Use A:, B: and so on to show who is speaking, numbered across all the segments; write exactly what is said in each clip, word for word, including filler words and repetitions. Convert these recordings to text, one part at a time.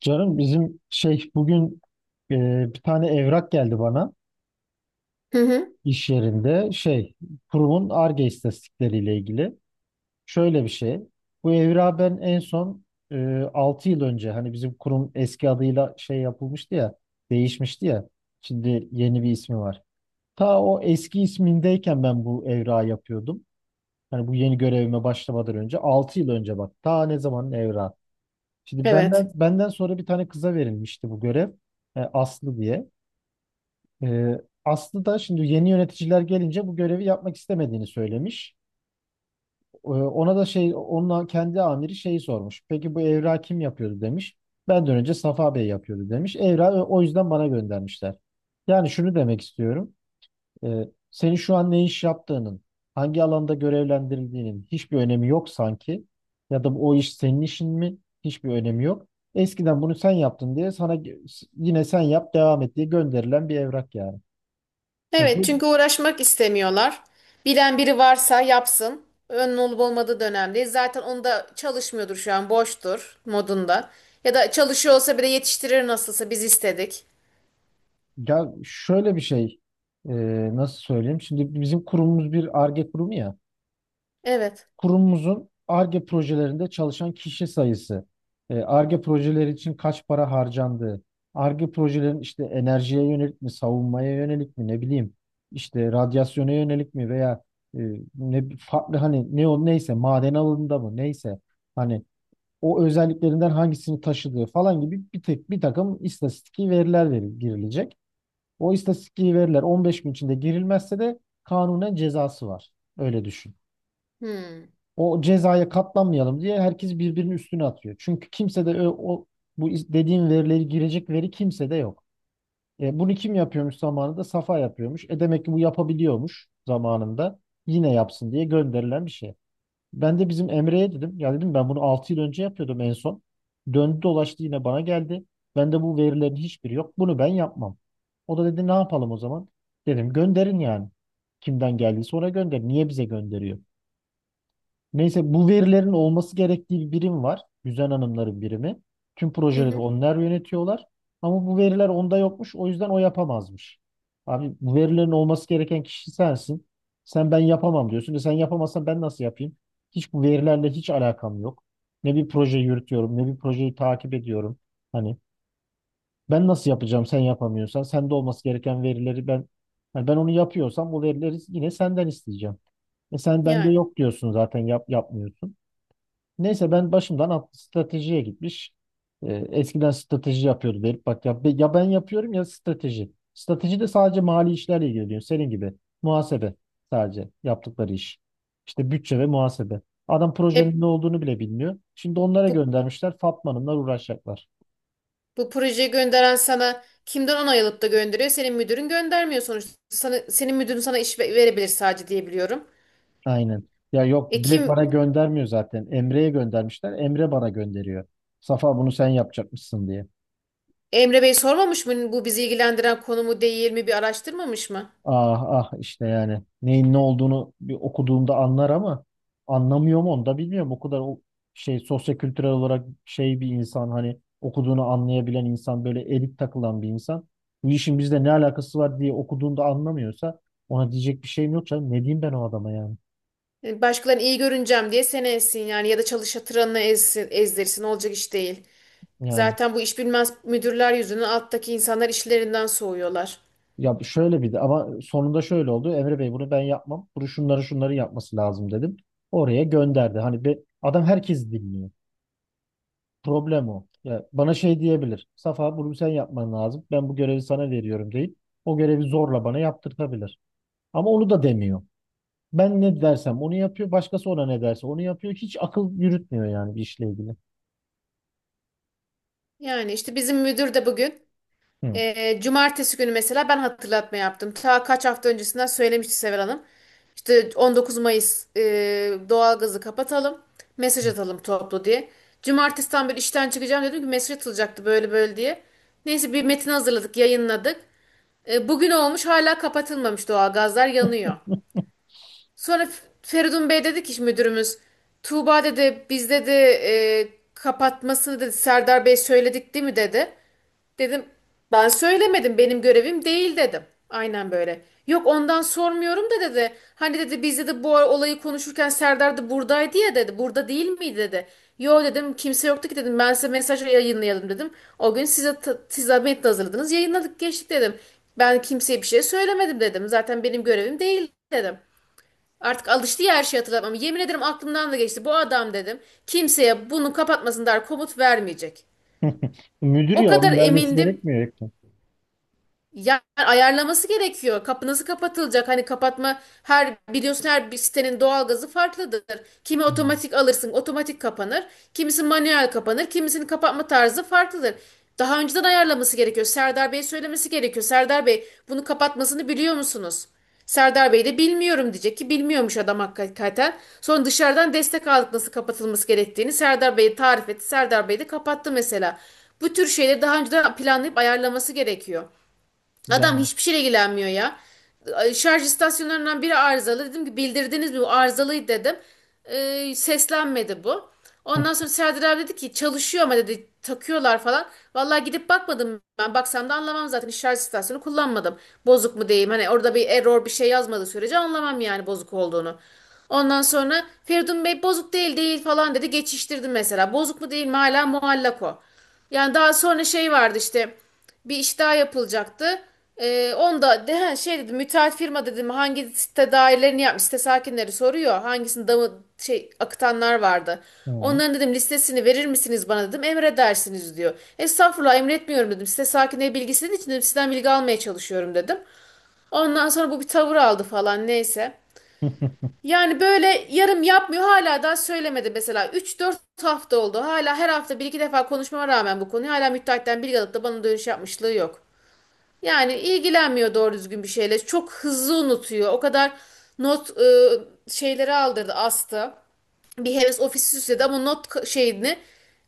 A: Canım bizim şey bugün e, bir tane evrak geldi bana
B: Hı hı.
A: iş yerinde şey kurumun Ar-Ge istatistikleriyle ilgili. Şöyle bir şey. Bu evrağı ben en son e, altı yıl önce hani bizim kurum eski adıyla şey yapılmıştı ya, değişmişti ya. Şimdi yeni bir ismi var. Ta o eski ismindeyken ben bu evrağı yapıyordum. Hani bu yeni görevime başlamadan önce altı yıl önce bak. Ta ne zamanın evrağı. Şimdi benden
B: Evet.
A: benden sonra bir tane kıza verilmişti bu görev. e, Aslı diye. Ee, Aslı da şimdi yeni yöneticiler gelince bu görevi yapmak istemediğini söylemiş. Ee, ona da şey, onun kendi amiri şeyi sormuş. Peki bu evrağı kim yapıyordu demiş. Benden önce Safa Bey yapıyordu demiş. Evrağı o o yüzden bana göndermişler. Yani şunu demek istiyorum. Ee, senin şu an ne iş yaptığının, hangi alanda görevlendirildiğinin hiçbir önemi yok sanki. Ya da o iş senin işin mi? Hiçbir önemi yok. Eskiden bunu sen yaptın diye sana yine sen yap devam et diye gönderilen bir evrak yani. Yani
B: Evet
A: bu-
B: çünkü uğraşmak istemiyorlar. Bilen biri varsa yapsın. Önün olup olmadığı da önemli değil. Zaten onu da çalışmıyordur şu an boştur modunda. Ya da çalışıyor olsa bile yetiştirir nasılsa biz istedik.
A: Ya şöyle bir şey, e, nasıl söyleyeyim? Şimdi bizim kurumumuz bir Ar-Ge kurumu ya.
B: Evet.
A: Kurumumuzun Ar-Ge projelerinde çalışan kişi sayısı, e, Ar-Ge projeleri için kaç para harcandığı, Ar-Ge projelerin işte enerjiye yönelik mi, savunmaya yönelik mi, ne bileyim, işte radyasyona yönelik mi veya e, ne farklı, hani ne o neyse, maden alanında mı neyse, hani o özelliklerinden hangisini taşıdığı falan gibi bir tek bir takım istatistiki veriler veri- girilecek. O istatistiği verirler. on beş gün içinde girilmezse de kanunen cezası var. Öyle düşün.
B: Hmm.
A: O cezaya katlanmayalım diye herkes birbirinin üstüne atıyor. Çünkü kimse de ö- o, bu is- dediğim verileri girecek veri kimse de yok. E, bunu kim yapıyormuş zamanında? Safa yapıyormuş. E demek ki bu yapabiliyormuş zamanında. Yine yapsın diye gönderilen bir şey. Ben de bizim Emre'ye dedim. Ya dedim ben bunu altı yıl önce yapıyordum en son. Döndü dolaştı yine bana geldi. Bende bu verilerin hiçbiri yok. Bunu ben yapmam. O da dedi ne yapalım o zaman? Dedim gönderin yani. Kimden geldiyse ona gönder. Niye bize gönderiyor? Neyse bu verilerin olması gerektiği bir birim var. Güzel Hanımların birimi. Tüm
B: Hı
A: projeleri
B: hı.
A: onlar yönetiyorlar. Ama bu veriler onda yokmuş. O yüzden o yapamazmış. Abi bu verilerin olması gereken kişi sensin. Sen ben yapamam diyorsun. E sen yapamazsan ben nasıl yapayım? Hiç bu verilerle hiç alakam yok. Ne bir proje yürütüyorum, ne bir projeyi takip ediyorum. Hani ben nasıl yapacağım sen yapamıyorsan? Sende olması gereken verileri ben, hani ben onu yapıyorsam o verileri yine senden isteyeceğim. E sen bende
B: Yani.
A: yok diyorsun, zaten yap, yapmıyorsun. Neyse ben başımdan at- stratejiye gitmiş. Ee, eskiden strateji yapıyordu derip bak ya, ya ben yapıyorum ya strateji. Strateji de sadece mali işlerle ilgileniyor. Senin gibi muhasebe sadece yaptıkları iş. İşte bütçe ve muhasebe. Adam
B: E,
A: projenin ne olduğunu bile bilmiyor. Şimdi onlara
B: bu,
A: göndermişler. Fatma Hanım'la uğraşacaklar.
B: bu projeyi gönderen sana kimden onay alıp da gönderiyor? Senin müdürün göndermiyor sonuçta. Sana, senin müdürün sana iş ve- verebilir sadece diye biliyorum.
A: Aynen. Ya yok,
B: E kim
A: Dilek bana göndermiyor zaten. Emre'ye göndermişler. Emre bana gönderiyor. Safa bunu sen yapacakmışsın diye.
B: Emre Bey sormamış mı bu bizi ilgilendiren konu mu değil mi, bir araştırmamış mı?
A: Ah ah, işte yani neyin ne olduğunu bir okuduğumda anlar ama anlamıyor mu onu da bilmiyorum. O kadar o şey, sosyokültürel olarak şey, bir insan, hani okuduğunu anlayabilen insan, böyle elit takılan bir insan. Bu işin bizle ne alakası var diye okuduğunda anlamıyorsa ona diyecek bir şeyim yok canım. Ne diyeyim ben o adama yani?
B: Yani başkalarını iyi görüneceğim diye seni ezsin yani, ya da çalışatıranını ezsin, ezdirsin, olacak iş değil.
A: Yani
B: Zaten bu iş bilmez müdürler yüzünden alttaki insanlar işlerinden soğuyorlar.
A: ya şöyle bir de, ama sonunda şöyle oldu. Emre Bey bunu ben yapmam. Bunu şunları şunları yapması lazım dedim. Oraya gönderdi. Hani be, adam herkesi dinliyor. Problem o. Ya bana şey diyebilir. Safa bunu sen yapman lazım. Ben bu görevi sana veriyorum deyip o görevi zorla bana yaptırtabilir. Ama onu da demiyor. Ben ne dersem onu yapıyor. Başkası ona ne derse onu yapıyor. Hiç akıl yürütmüyor yani bir işle ilgili.
B: Yani işte bizim müdür de bugün,
A: Hı.
B: e, cumartesi günü mesela ben hatırlatma yaptım. Ta kaç hafta öncesinden söylemişti Sever Hanım. İşte on dokuz Mayıs e, doğalgazı kapatalım, mesaj atalım toplu diye. Cumartesiden beri işten çıkacağım dedim ki mesaj atılacaktı böyle böyle diye. Neyse bir metin hazırladık, yayınladık. E, bugün olmuş hala kapatılmamış, doğalgazlar yanıyor. Sonra F- Feridun Bey dedi ki işte müdürümüz, Tuğba dedi, biz dedi e, kapatmasını dedi, Serdar Bey söyledik değil mi dedi. Dedim, ben söylemedim, benim görevim değil dedim. Aynen böyle. Yok ondan sormuyorum da dedi. Hani dedi, biz dedi bu olayı konuşurken Serdar da buradaydı ya dedi. Burada değil miydi dedi. Yo dedim, kimse yoktu ki dedim. Ben size mesaj yayınlayalım dedim. O gün size, siz zahmetle hazırladınız, yayınladık geçtik dedim. Ben kimseye bir şey söylemedim dedim. Zaten benim görevim değil dedim. Artık alıştı ya, her şeyi hatırlatmam. Yemin ederim aklımdan da geçti. Bu adam dedim, kimseye bunu kapatmasın der, komut vermeyecek.
A: Müdür
B: O
A: ya,
B: kadar
A: onun vermesi
B: emindim.
A: gerekmiyor. Ekmek.
B: Ya ayarlaması gerekiyor. Kapı nasıl kapatılacak? Hani kapatma, her biliyorsun her bir sitenin doğalgazı farklıdır. Kimi
A: Hı.
B: otomatik alırsın, otomatik kapanır. Kimisi manuel kapanır, kimisinin kapatma tarzı farklıdır. Daha önceden ayarlaması gerekiyor. Serdar Bey söylemesi gerekiyor. Serdar Bey bunu kapatmasını biliyor musunuz? Serdar Bey de bilmiyorum diyecek ki, bilmiyormuş adam hakikaten. Sonra dışarıdan destek aldık nasıl kapatılması gerektiğini. Serdar Bey'e tarif etti. Serdar Bey de kapattı mesela. Bu tür şeyleri daha önceden planlayıp ayarlaması gerekiyor. Adam
A: Yani.
B: hiçbir şeyle ilgilenmiyor ya. Şarj istasyonlarından biri arızalı. Dedim ki, bildirdiniz mi, bu arızalıydı dedim. Ee, seslenmedi bu. Ondan sonra Serdar abi dedi ki çalışıyor ama dedi, takıyorlar falan. Vallahi gidip bakmadım ben. Baksam da anlamam, zaten hiç şarj istasyonu kullanmadım. Bozuk mu diyeyim, hani orada bir error bir şey yazmadığı sürece anlamam yani bozuk olduğunu. Ondan sonra Feridun Bey bozuk değil değil falan dedi, geçiştirdim mesela. Bozuk mu değil mi hala muallak o. Yani daha sonra şey vardı işte, bir iş daha yapılacaktı. Ee, onda de, ha, şey dedim, müteahhit firma dedim hangi site dairelerini yapmış, site sakinleri soruyor. Hangisini damı şey akıtanlar vardı.
A: Hı.
B: Onların dedim listesini verir misiniz bana dedim, emredersiniz diyor. Estağfurullah, emretmiyorum dedim, site sakinleri bilgisinin için dedim sizden bilgi almaya çalışıyorum dedim. Ondan sonra bu bir tavır aldı falan, neyse. Yani böyle yarım yapmıyor, hala daha söylemedi mesela. Üç dört hafta oldu. Hala her hafta bir iki defa konuşmama rağmen bu konuyu hala müteahhitten bilgi alıp da bana dönüş yapmışlığı yok. Yani ilgilenmiyor doğru düzgün bir şeyle. Çok hızlı unutuyor. O kadar not e, şeyleri aldırdı, astı, bir heves ofisi süsledi ama not şeyini,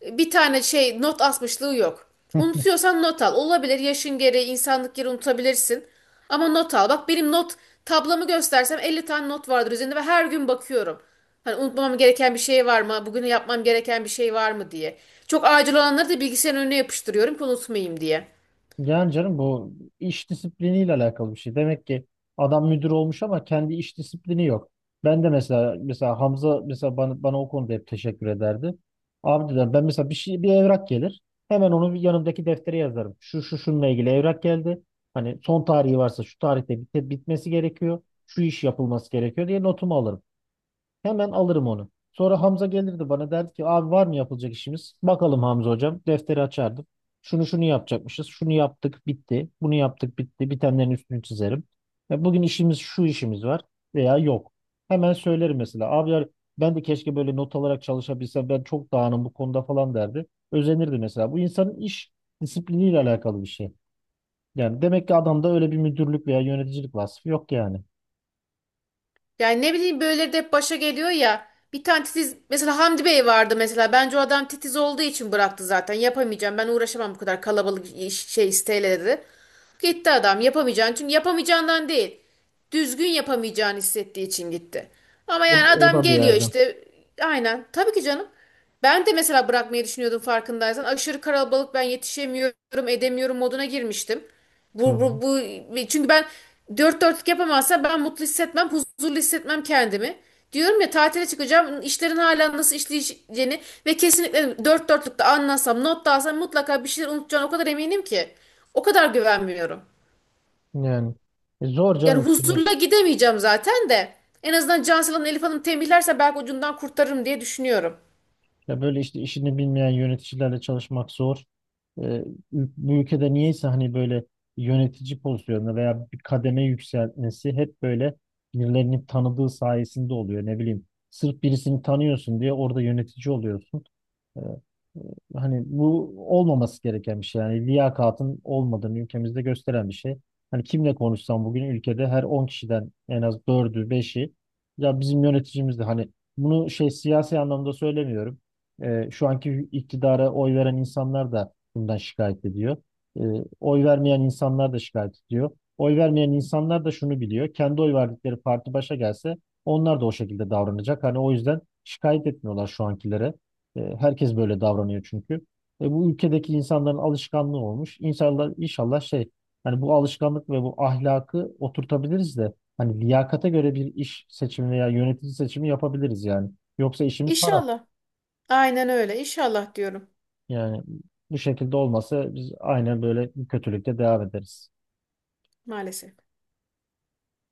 B: bir tane şey not asmışlığı yok. Unutuyorsan not al. Olabilir, yaşın gereği, insanlık gereği unutabilirsin. Ama not al. Bak benim not tablamı göstersem elli tane not vardır üzerinde ve her gün bakıyorum. Hani unutmam gereken bir şey var mı? Bugün yapmam gereken bir şey var mı diye. Çok acil olanları da bilgisayarın önüne yapıştırıyorum ki unutmayayım diye.
A: Yani canım bu iş disipliniyle alakalı bir şey. Demek ki adam müdür olmuş ama kendi iş disiplini yok. Ben de mesela mesela Hamza mesela bana, bana o konuda hep teşekkür ederdi. Abi dedim ben mesela bir şey, bir evrak gelir. Hemen onu bir yanımdaki deftere yazarım. Şu şu şununla ilgili evrak geldi. Hani son tarihi varsa şu tarihte bit bitmesi gerekiyor. Şu iş yapılması gerekiyor diye notumu alırım. Hemen alırım onu. Sonra Hamza gelirdi, bana derdi ki abi var mı yapılacak işimiz? Bakalım Hamza hocam. Defteri açardım. Şunu şunu yapacakmışız. Şunu yaptık bitti. Bunu yaptık bitti. Bitenlerin üstünü çizerim. Ve bugün işimiz şu, işimiz var veya yok. Hemen söylerim mesela. Abiler, ben de keşke böyle not alarak çalışabilsem, ben çok dağınım bu konuda falan derdi. Özenirdi mesela. Bu insanın iş disipliniyle alakalı bir şey. Yani demek ki adamda öyle bir müdürlük veya yöneticilik vasfı yok yani.
B: Yani ne bileyim böyle de hep başa geliyor ya. Bir tane titiz mesela Hamdi Bey vardı mesela. Bence o adam titiz olduğu için bıraktı zaten. Yapamayacağım. Ben uğraşamam bu kadar kalabalık, iş- şey isteyle dedi. Gitti adam yapamayacağını. Çünkü yapamayacağından değil. Düzgün yapamayacağını hissettiği için gitti. Ama
A: O,
B: yani
A: o
B: adam
A: da bir
B: geliyor
A: yerde.
B: işte. Aynen. Tabii ki canım. Ben de mesela bırakmayı düşünüyordum farkındaysan. Aşırı kalabalık, ben yetişemiyorum, edemiyorum moduna girmiştim.
A: Hı
B: Bu,
A: hı.
B: bu, bu çünkü ben, dört dörtlük yapamazsa ben mutlu hissetmem, huzurlu hissetmem kendimi. Diyorum ya, tatile çıkacağım, işlerin hala nasıl işleyeceğini ve kesinlikle dört dörtlükte anlasam, not da alsam mutlaka bir şeyler unutacağım, o kadar eminim ki. O kadar güvenmiyorum.
A: Yani E, zor canım
B: Yani
A: işte.
B: huzurla gidemeyeceğim zaten de. En azından Cansel'in Hanım, Elif Hanım tembihlerse belki ucundan kurtarırım diye düşünüyorum.
A: Ya böyle işte işini bilmeyen yöneticilerle çalışmak zor. Ee, ül- bu ülkede niyeyse hani böyle yönetici pozisyonunda veya bir kademe yükseltmesi hep böyle birilerinin tanıdığı sayesinde oluyor. Ne bileyim, sırf birisini tanıyorsun diye orada yönetici oluyorsun. Ee, e, hani bu olmaması gereken bir şey. Yani liyakatın olmadığını ülkemizde gösteren bir şey. Hani kimle konuşsam bugün ülkede her on kişiden en az dördü beşi ya bizim yöneticimiz de, hani bunu şey, siyasi anlamda söylemiyorum. E, şu anki iktidara oy veren insanlar da bundan şikayet ediyor. E, oy vermeyen insanlar da şikayet ediyor. Oy vermeyen insanlar da şunu biliyor. Kendi oy verdikleri parti başa gelse onlar da o şekilde davranacak. Hani o yüzden şikayet etmiyorlar şu ankilere. E, herkes böyle davranıyor çünkü. E, bu ülkedeki insanların alışkanlığı olmuş. İnşallah, inşallah şey, hani bu alışkanlık ve bu ahlakı oturtabiliriz de hani liyakata göre bir iş seçimi veya yönetici seçimi yapabiliriz yani. Yoksa işimiz var.
B: İnşallah. Aynen öyle. İnşallah diyorum,
A: Yani bu şekilde olmasa biz aynen böyle kötülükte devam ederiz.
B: maalesef.